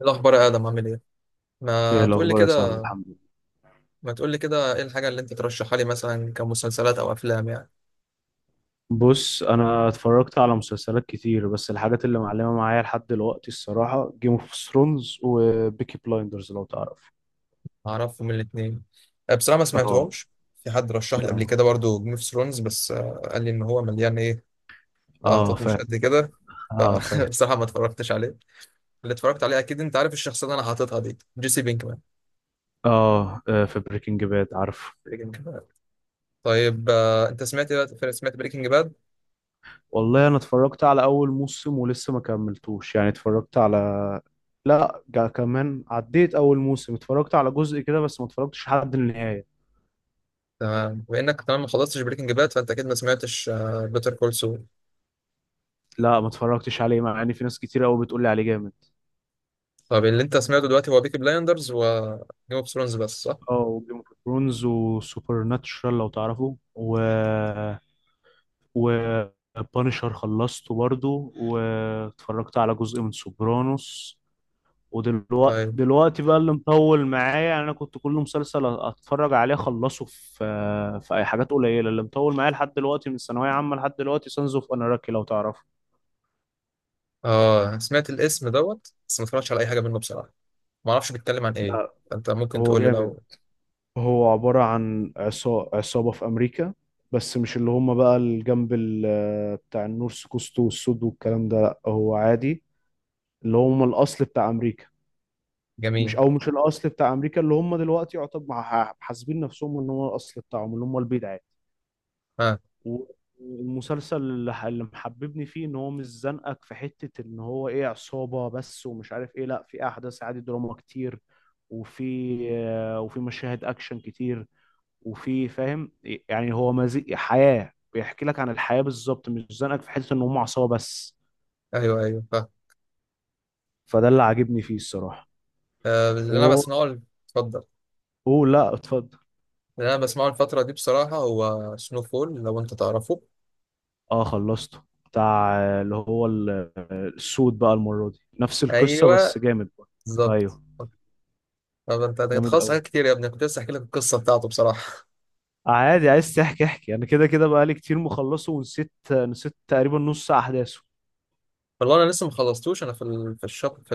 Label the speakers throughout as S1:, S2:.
S1: إيه الأخبار يا آدم؟ عامل إيه؟
S2: ايه
S1: ما تقول لي
S2: الاخبار يا صاحبي؟
S1: كده.
S2: الحمد لله.
S1: ما تقول لي كده، إيه الحاجة اللي أنت ترشحها لي مثلا كمسلسلات أو أفلام يعني؟
S2: بص، انا اتفرجت على مسلسلات كتير، بس الحاجات اللي معلمه معايا لحد دلوقتي الصراحه جيم اوف ثرونز وبيكي بلايندرز، لو تعرف.
S1: أعرفهم الاتنين. بصراحة ما
S2: اه
S1: سمعتهمش. في حد رشح لي قبل
S2: اه.
S1: كده برضو جيم اوف ثرونز، بس قال لي إن هو مليان إيه،
S2: اه،
S1: لقطات مش
S2: فاهم.
S1: قد كده.
S2: اه، فاهم.
S1: فبصراحة ما اتفرجتش عليه. اللي اتفرجت عليه، أكيد أنت عارف الشخصية اللي أنا حاططها دي، جيسي بينكمان،
S2: اه، في بريكنج باد، عارف.
S1: بريكنج باد. طيب أنت سمعت بريكنج باد؟
S2: والله انا اتفرجت على اول موسم ولسه ما كملتوش، يعني اتفرجت على... لا، كمان عديت اول موسم، اتفرجت على جزء كده بس ما اتفرجتش لحد النهايه.
S1: تمام، وإنك كمان ما خلصتش بريكنج باد فأنت أكيد ما سمعتش بيتر كول سول.
S2: لا، ما اتفرجتش عليه، مع ان في ناس كتير قوي بتقول لي عليه جامد.
S1: طب اللي انت سمعته دلوقتي هو بيكي بلايندرز و جيم اوف ثرونز بس، صح؟
S2: اه، وجيم اوف ثرونز وسوبر ناتشرال، لو تعرفوا، و بانشر خلصته برضو، واتفرجت على جزء من سوبرانوس. ودلوقتي
S1: طيب.
S2: دلوقتي بقى اللي مطول معايا، يعني انا كنت كل مسلسل اتفرج عليه اخلصه في اي حاجات قليله اللي مطول معايا لحد دلوقتي. من ثانويه عامه لحد دلوقتي سانز اوف اناراكي، لو تعرفه.
S1: اه، سمعت الاسم دوت بس ما اتفرجتش على اي حاجه منه بصراحه. ما اعرفش بيتكلم عن ايه،
S2: لا،
S1: فانت ممكن
S2: هو
S1: تقول لي
S2: جامد.
S1: لو.
S2: هو عبارة عن عصابة في أمريكا، بس مش اللي هم بقى الجنب بتاع النورث كوست والسود والكلام ده، لأ هو عادي، اللي هم الأصل بتاع أمريكا. مش،
S1: جميل.
S2: أو مش الأصل بتاع أمريكا، اللي هم دلوقتي يعتبر حاسبين نفسهم إن هو الأصل بتاعهم، اللي هم البيض عادي.
S1: ها.
S2: و- والمسلسل اللي محببني فيه إن هو مش زنقك في حتة إن هو إيه، عصابة بس ومش عارف إيه، لأ، في أحداث عادي، دراما كتير، وفي مشاهد أكشن كتير، وفي، فاهم، يعني هو مزيج حياة، بيحكي لك عن الحياة بالظبط، مش زنقك في حتة ان هم عصابة بس.
S1: ايوه ايوه،
S2: فده اللي عاجبني فيه الصراحة.
S1: آه، اللي انا
S2: و
S1: بسمعه ال-، اتفضل.
S2: اوه لا، اتفضل.
S1: اللي انا بسمعه الفتره دي بصراحه هو سنو فول، لو انت تعرفه.
S2: اه، خلصته بتاع، اللي هو السود بقى المرة دي نفس القصة بس
S1: ايوه.
S2: جامد بقى.
S1: بالظبط.
S2: ايوه،
S1: طب انت
S2: جامد
S1: خلاص
S2: قوي.
S1: حاجات كتير يا ابني، كنت لسه احكي لك القصه بتاعته بصراحه.
S2: عادي، عايز تحكي احكي. انا كده كده بقى لي كتير مخلصه ونسيت، تقريبا نص احداثه.
S1: والله انا لسه ما خلصتوش، انا في ال-، في الشاب، في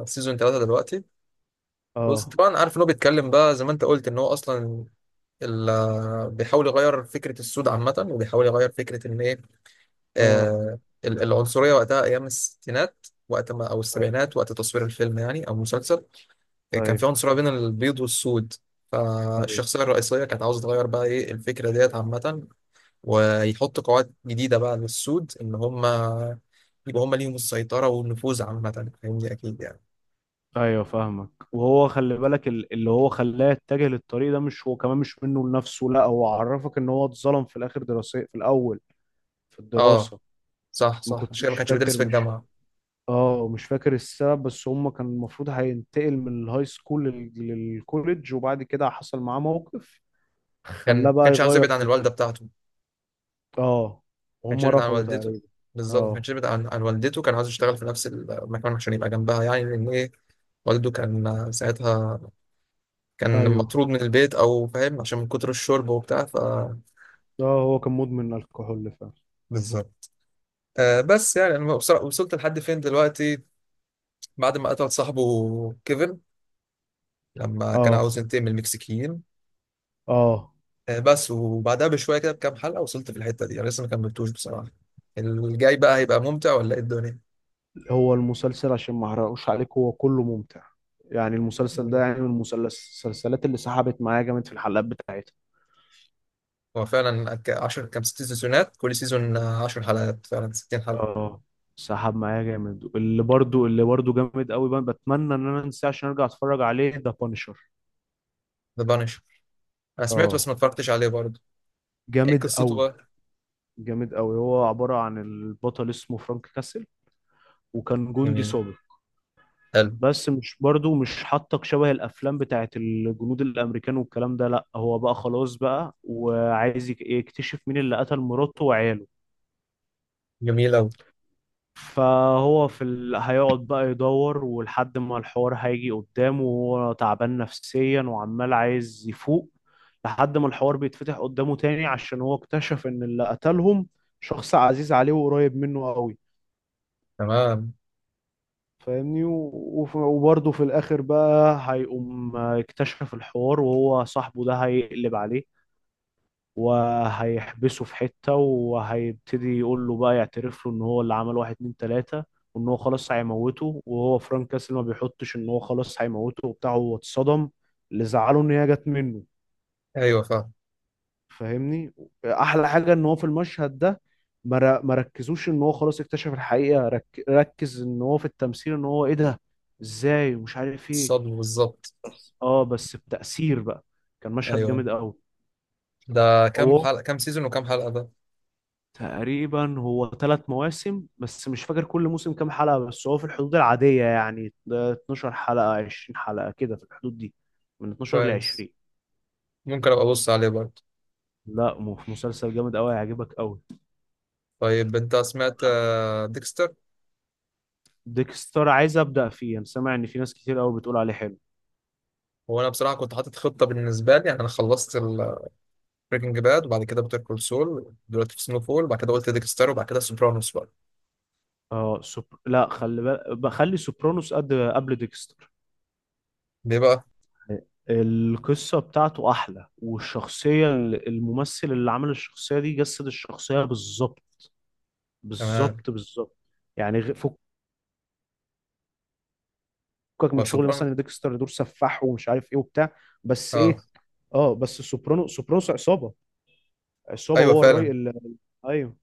S1: السيزون 3 دلوقتي. بص،
S2: اه.
S1: طبعا عارف ان هو بيتكلم بقى زي ما انت قلت ان هو اصلا ال- بيحاول يغير فكره السود عامه، وبيحاول يغير فكره ان ايه،
S2: اه،
S1: آه، ال- العنصريه وقتها ايام الستينات، وقت ما او
S2: طيب.
S1: السبعينات، وقت تصوير الفيلم يعني او المسلسل. كان
S2: طيب،
S1: في عنصريه بين البيض والسود،
S2: طيب.
S1: فالشخصيه الرئيسيه كانت عاوزه تغير بقى ايه الفكره ديت عامه، ويحط قواعد جديده بقى للسود، ان هم يبقى هم ليهم السيطره والنفوذ عامه، فاهمني اكيد يعني.
S2: ايوه، فاهمك. وهو خلي بالك اللي هو خلاه يتجه للطريق ده مش هو كمان، مش منه لنفسه، لا هو عرفك ان هو اتظلم في الاخر دراسي، في الاول، في
S1: اه،
S2: الدراسة.
S1: صح
S2: ما
S1: صح،
S2: كنت
S1: عشان كده ما
S2: مش
S1: كانش بيدرس
S2: فاكر،
S1: في
S2: مش...
S1: الجامعه.
S2: اه، مش فاكر السبب، بس هم كان المفروض هينتقل من الهاي سكول للكوليدج، وبعد كده حصل معاه موقف خلاه
S1: كان
S2: بقى
S1: كانش عاوز
S2: يغير
S1: يبعد عن
S2: خطته.
S1: الوالده بتاعته، ما
S2: اه،
S1: كانش
S2: وهم
S1: يبعد عن
S2: رفضوا
S1: والدته.
S2: تقريبا.
S1: بالظبط، ما
S2: اه.
S1: كانش يبعد عن والدته، كان عاوز يشتغل في نفس المكان عشان يبقى جنبها يعني، لان ايه، والده كان ساعتها كان
S2: ايوه.
S1: مطرود من البيت، او فاهم، عشان من كتر الشرب وبتاع، ف.
S2: اه، هو كان مدمن الكحول فعلا.
S1: بالظبط. آه بس يعني انا وصلت لحد فين دلوقتي. بعد ما قتل صاحبه كيفن، لما كان
S2: اه.
S1: عاوز ينتقم من المكسيكيين.
S2: اه،
S1: آه بس، وبعدها بشويه كده بكام حلقه، وصلت في الحته دي، انا لسه ما كملتوش بصراحه. الجاي بقى هيبقى ممتع ولا ايه الدنيا؟
S2: هو المسلسل عشان ما احرقوش عليك هو كله ممتع. يعني المسلسل ده، يعني من المسلسلات اللي سحبت معايا جامد في الحلقات بتاعتها.
S1: هو فعلا 10 كام، ست سيزونات، كل سيزون 10 حلقات، فعلا 60 حلقة.
S2: اه، سحب معايا جامد. اللي برضو جامد قوي بقى، بتمنى ان انا انساه عشان ارجع اتفرج عليه، ده بانشر.
S1: ذا بانش، انا سمعته بس ما
S2: اه،
S1: اتفرجتش عليه برضه. ايه
S2: جامد
S1: قصته
S2: قوي.
S1: بقى؟
S2: جامد قوي. هو عبارة عن البطل اسمه فرانك كاسل، وكان جندي
S1: جميل.
S2: سابق.
S1: حلو.
S2: بس مش برضو مش حاطك شبه الافلام بتاعت الجنود الامريكان والكلام ده، لا، هو بقى خلاص بقى وعايز يكتشف مين اللي قتل مراته وعياله.
S1: جميل اوي.
S2: فهو في ال... هيقعد بقى يدور، ولحد ما الحوار هيجي قدامه وهو تعبان نفسيا وعمال عايز يفوق، لحد ما الحوار بيتفتح قدامه تاني، عشان هو اكتشف ان اللي قتلهم شخص عزيز عليه وقريب منه قوي.
S1: تمام.
S2: فاهمني، وبرضه في الاخر بقى هيقوم اكتشف الحوار، وهو صاحبه ده هيقلب عليه وهيحبسه في حتة، وهيبتدي يقول له بقى، يعترف له ان هو اللي عمل واحد اتنين تلاتة، وان هو خلاص هيموته. وهو فرانك كاسل ما بيحطش ان هو خلاص هيموته وبتاع، هو اتصدم، اللي زعله ان هي جت منه.
S1: ايوه فاهم.
S2: فاهمني. احلى حاجة ان هو في المشهد ده ما ركزوش ان هو خلاص اكتشف الحقيقة، ركز ان هو في التمثيل، ان هو ايه ده، ازاي، ومش عارف ايه.
S1: الصدمة بالظبط.
S2: بس، اه، بس بتأثير بقى. كان مشهد
S1: ايوه.
S2: جامد قوي.
S1: ده كام
S2: هو
S1: حلقة، كام سيزون وكام حلقة ده؟
S2: تقريبا هو ثلاث مواسم، بس مش فاكر كل موسم كام حلقة، بس هو في الحدود العادية، يعني 12 حلقة، 20 حلقة، كده في الحدود دي، من 12 ل
S1: كويس.
S2: 20.
S1: ممكن ابقى ابص عليه برضه.
S2: لا، مسلسل جامد قوي، هيعجبك قوي.
S1: طيب انت سمعت ديكستر؟
S2: ديكستر عايز أبدأ فيه، انا سامع ان في ناس كتير قوي بتقول عليه حلو.
S1: هو انا بصراحة كنت حاطط خطة بالنسبة لي يعني، انا خلصت بريكنج باد وبعد كده بيتر كول سول، دلوقتي في سنو فول وبعد كده قلت ديكستر وبعد كده سوبرانوس بقى.
S2: اه، لا، خلي بالك، بخلي سوبرانوس قد قبل ديكستر.
S1: ليه بقى؟
S2: القصة بتاعته أحلى، والشخصية، الممثل اللي عمل الشخصية دي جسد الشخصية بالظبط.
S1: تمام.
S2: بالظبط، بالظبط. يعني فكك
S1: هو،
S2: من شغل مثلا ديكستر، دور سفاح ومش عارف إيه وبتاع، بس
S1: اه،
S2: إيه؟ اه، بس سوبرانوس عصابة، عصابة،
S1: ايوه
S2: هو الراي
S1: فعلا.
S2: أيوه.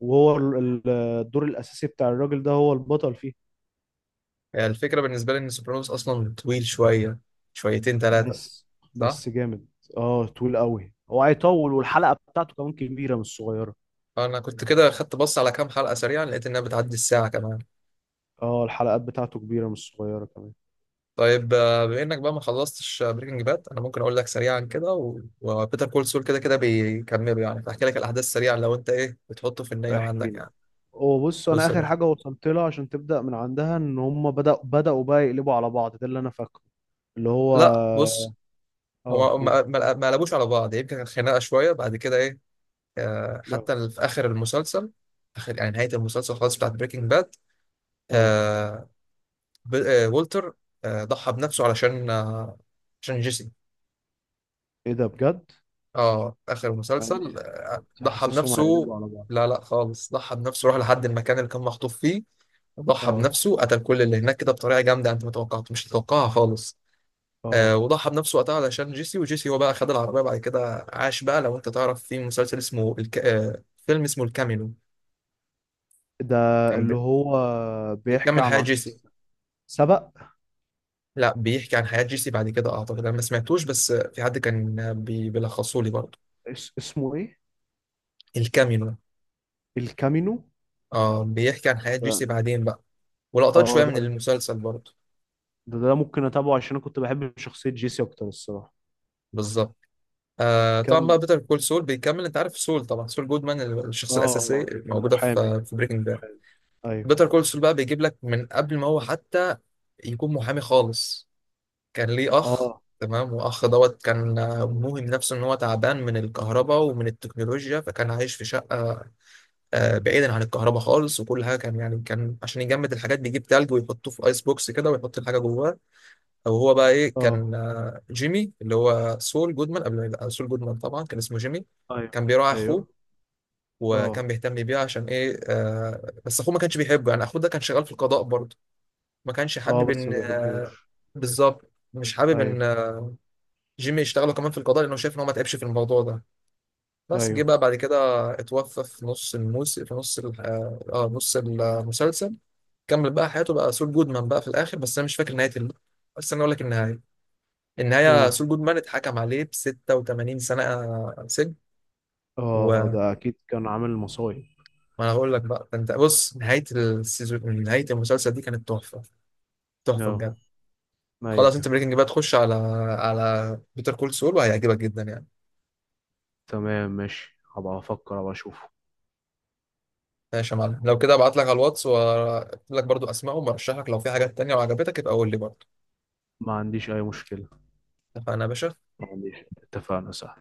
S2: وهو الدور الأساسي بتاع الراجل ده، هو البطل فيه.
S1: يعني الفكره بالنسبه لي ان سوبرانوس اصلا طويل شويه، شويتين ثلاثه.
S2: بس
S1: صح.
S2: بس جامد. اه، طويل قوي، هو هيطول، والحلقة بتاعته كمان كبيرة، مش صغيرة.
S1: انا كنت كده خدت بص على كام حلقه سريعا، لقيت انها بتعدي الساعه كمان.
S2: اه، الحلقات بتاعته كبيرة مش صغيرة كمان.
S1: طيب، بما انك بقى ما خلصتش بريكنج باد، انا ممكن اقول لك سريعا كده، وبيتر كول سول كده كده بيكملوا يعني، فاحكي لك الاحداث سريعا لو انت ايه بتحطه في النيه
S2: احكي
S1: عندك
S2: لي.
S1: يعني.
S2: وبص، انا
S1: بص يا
S2: اخر
S1: باشا.
S2: حاجه وصلت لها عشان تبدا من عندها، ان هم بدأوا بقى يقلبوا على بعض، ده اللي انا فاكره. اللي هو...
S1: لا بص،
S2: اه،
S1: هو
S2: قول.
S1: ما قلبوش على بعض، يمكن كانت خناقه شويه بعد كده ايه، آه،
S2: اه.
S1: حتى في اخر المسلسل، اخر يعني نهايه المسلسل خالص بتاعت بريكنج باد.
S2: اه،
S1: والتر، آه، ضحى بنفسه علشان آه، عشان جيسي.
S2: ايه ده بجد؟
S1: اه اخر مسلسل
S2: يعني
S1: آه،
S2: كنت
S1: ضحى
S2: حاسسهم
S1: بنفسه.
S2: هيقلبوا على بعض.
S1: لا لا خالص، ضحى بنفسه، راح لحد المكان اللي كان مخطوف فيه، ضحى
S2: اه.
S1: بنفسه، قتل كل اللي هناك كده بطريقه جامده انت ما توقعت مش تتوقعها خالص. آه
S2: اه،
S1: وضحى بنفسه وقتها علشان جيسي، وجيسي هو بقى خد العربيه بعد كده عاش بقى. لو انت تعرف في مسلسل اسمه الك-، آه فيلم اسمه الكامينو،
S2: ده
S1: كان
S2: اللي هو بيحكي
S1: بيكمل
S2: عن
S1: حياه جيسي.
S2: سبق.
S1: لا بيحكي عن حياه جيسي بعد كده، اعتقد انا ما سمعتوش، بس آه، في حد كان آه، بيلخصه لي برضه.
S2: اسمه ايه؟
S1: الكامينو.
S2: الكامينو.
S1: اه بيحكي عن حياة جيسي بعدين بقى، ولقطات
S2: اه،
S1: شوية
S2: ده،
S1: من المسلسل برضه.
S2: ممكن اتابعه، عشان انا كنت بحب شخصيه جيسي اكتر الصراحه.
S1: بالظبط. آه طبعا بقى
S2: كان.
S1: بيتر كول سول بيكمل، انت عارف سول طبعا، سول جودمان، الشخصية الأساسية
S2: اه،
S1: موجودة
S2: المحامي،
S1: في بريكنج باد.
S2: المحامي. ايوه.
S1: بيتر كول سول بقى بيجيب لك من قبل ما هو حتى يكون محامي خالص، كان ليه أخ.
S2: اه.
S1: تمام، وأخ دوت كان آه، موهم نفسه إن هو تعبان من الكهرباء ومن التكنولوجيا، فكان عايش في شقة آه، بعيدا عن الكهرباء خالص، وكل حاجة كان يعني كان عشان يجمد الحاجات بيجيب تلج ويحطه في آيس بوكس كده ويحط الحاجة جواه. او هو بقى ايه، كان
S2: اه،
S1: آه، جيمي اللي هو سول جودمان قبل ما يبقى سول جودمان طبعا، كان اسمه جيمي،
S2: ايوه.
S1: كان بيراعي اخوه
S2: ايوه.
S1: وكان
S2: اه.
S1: بيهتم بيه عشان ايه، آه بس اخوه ما كانش بيحبه يعني. اخوه ده كان شغال في القضاء برضه، ما كانش
S2: اه،
S1: حابب
S2: بس
S1: ان
S2: ما
S1: آه،
S2: بيحبوش.
S1: بالظبط مش حابب
S2: ايوه.
S1: ان آه، جيمي يشتغله كمان في القضاء لانه شايف ان هو ما تعبش في الموضوع ده. بس جه
S2: ايوه.
S1: بقى بعد كده، اتوفى في نص الموسم، في نص ال- اه آه، نص المسلسل. كمل بقى حياته بقى سول جودمان بقى في الاخر، بس انا مش فاكر نهايه ال-. بس انا اقول لك النهايه، النهاية
S2: اوه.
S1: سول جودمان اتحكم عليه ب 86 سنة سجن.
S2: اه،
S1: وما،
S2: ده اكيد كان عامل مصايب.
S1: انا هقول لك بقى ده، انت بص، نهاية السيزون، نهاية المسلسل دي كانت تحفة، تحفة
S2: اه.
S1: بجد. خلاص، انت
S2: ايوه،
S1: بريكنج بقى تخش على على بيتر كول سول وهيعجبك جدا يعني.
S2: تمام، ماشي، هبقى افكر ابقى اشوفه.
S1: ماشي يا معلم، لو كده ابعت لك على الواتس واكتب لك برضو اسمائهم، وارشح لك لو في حاجات تانية وعجبتك يبقى قول لي برضو.
S2: ما عنديش اي مشكلة.
S1: اتفقنا يا باشا.
S2: ما عنديش. اتفقنا، صح.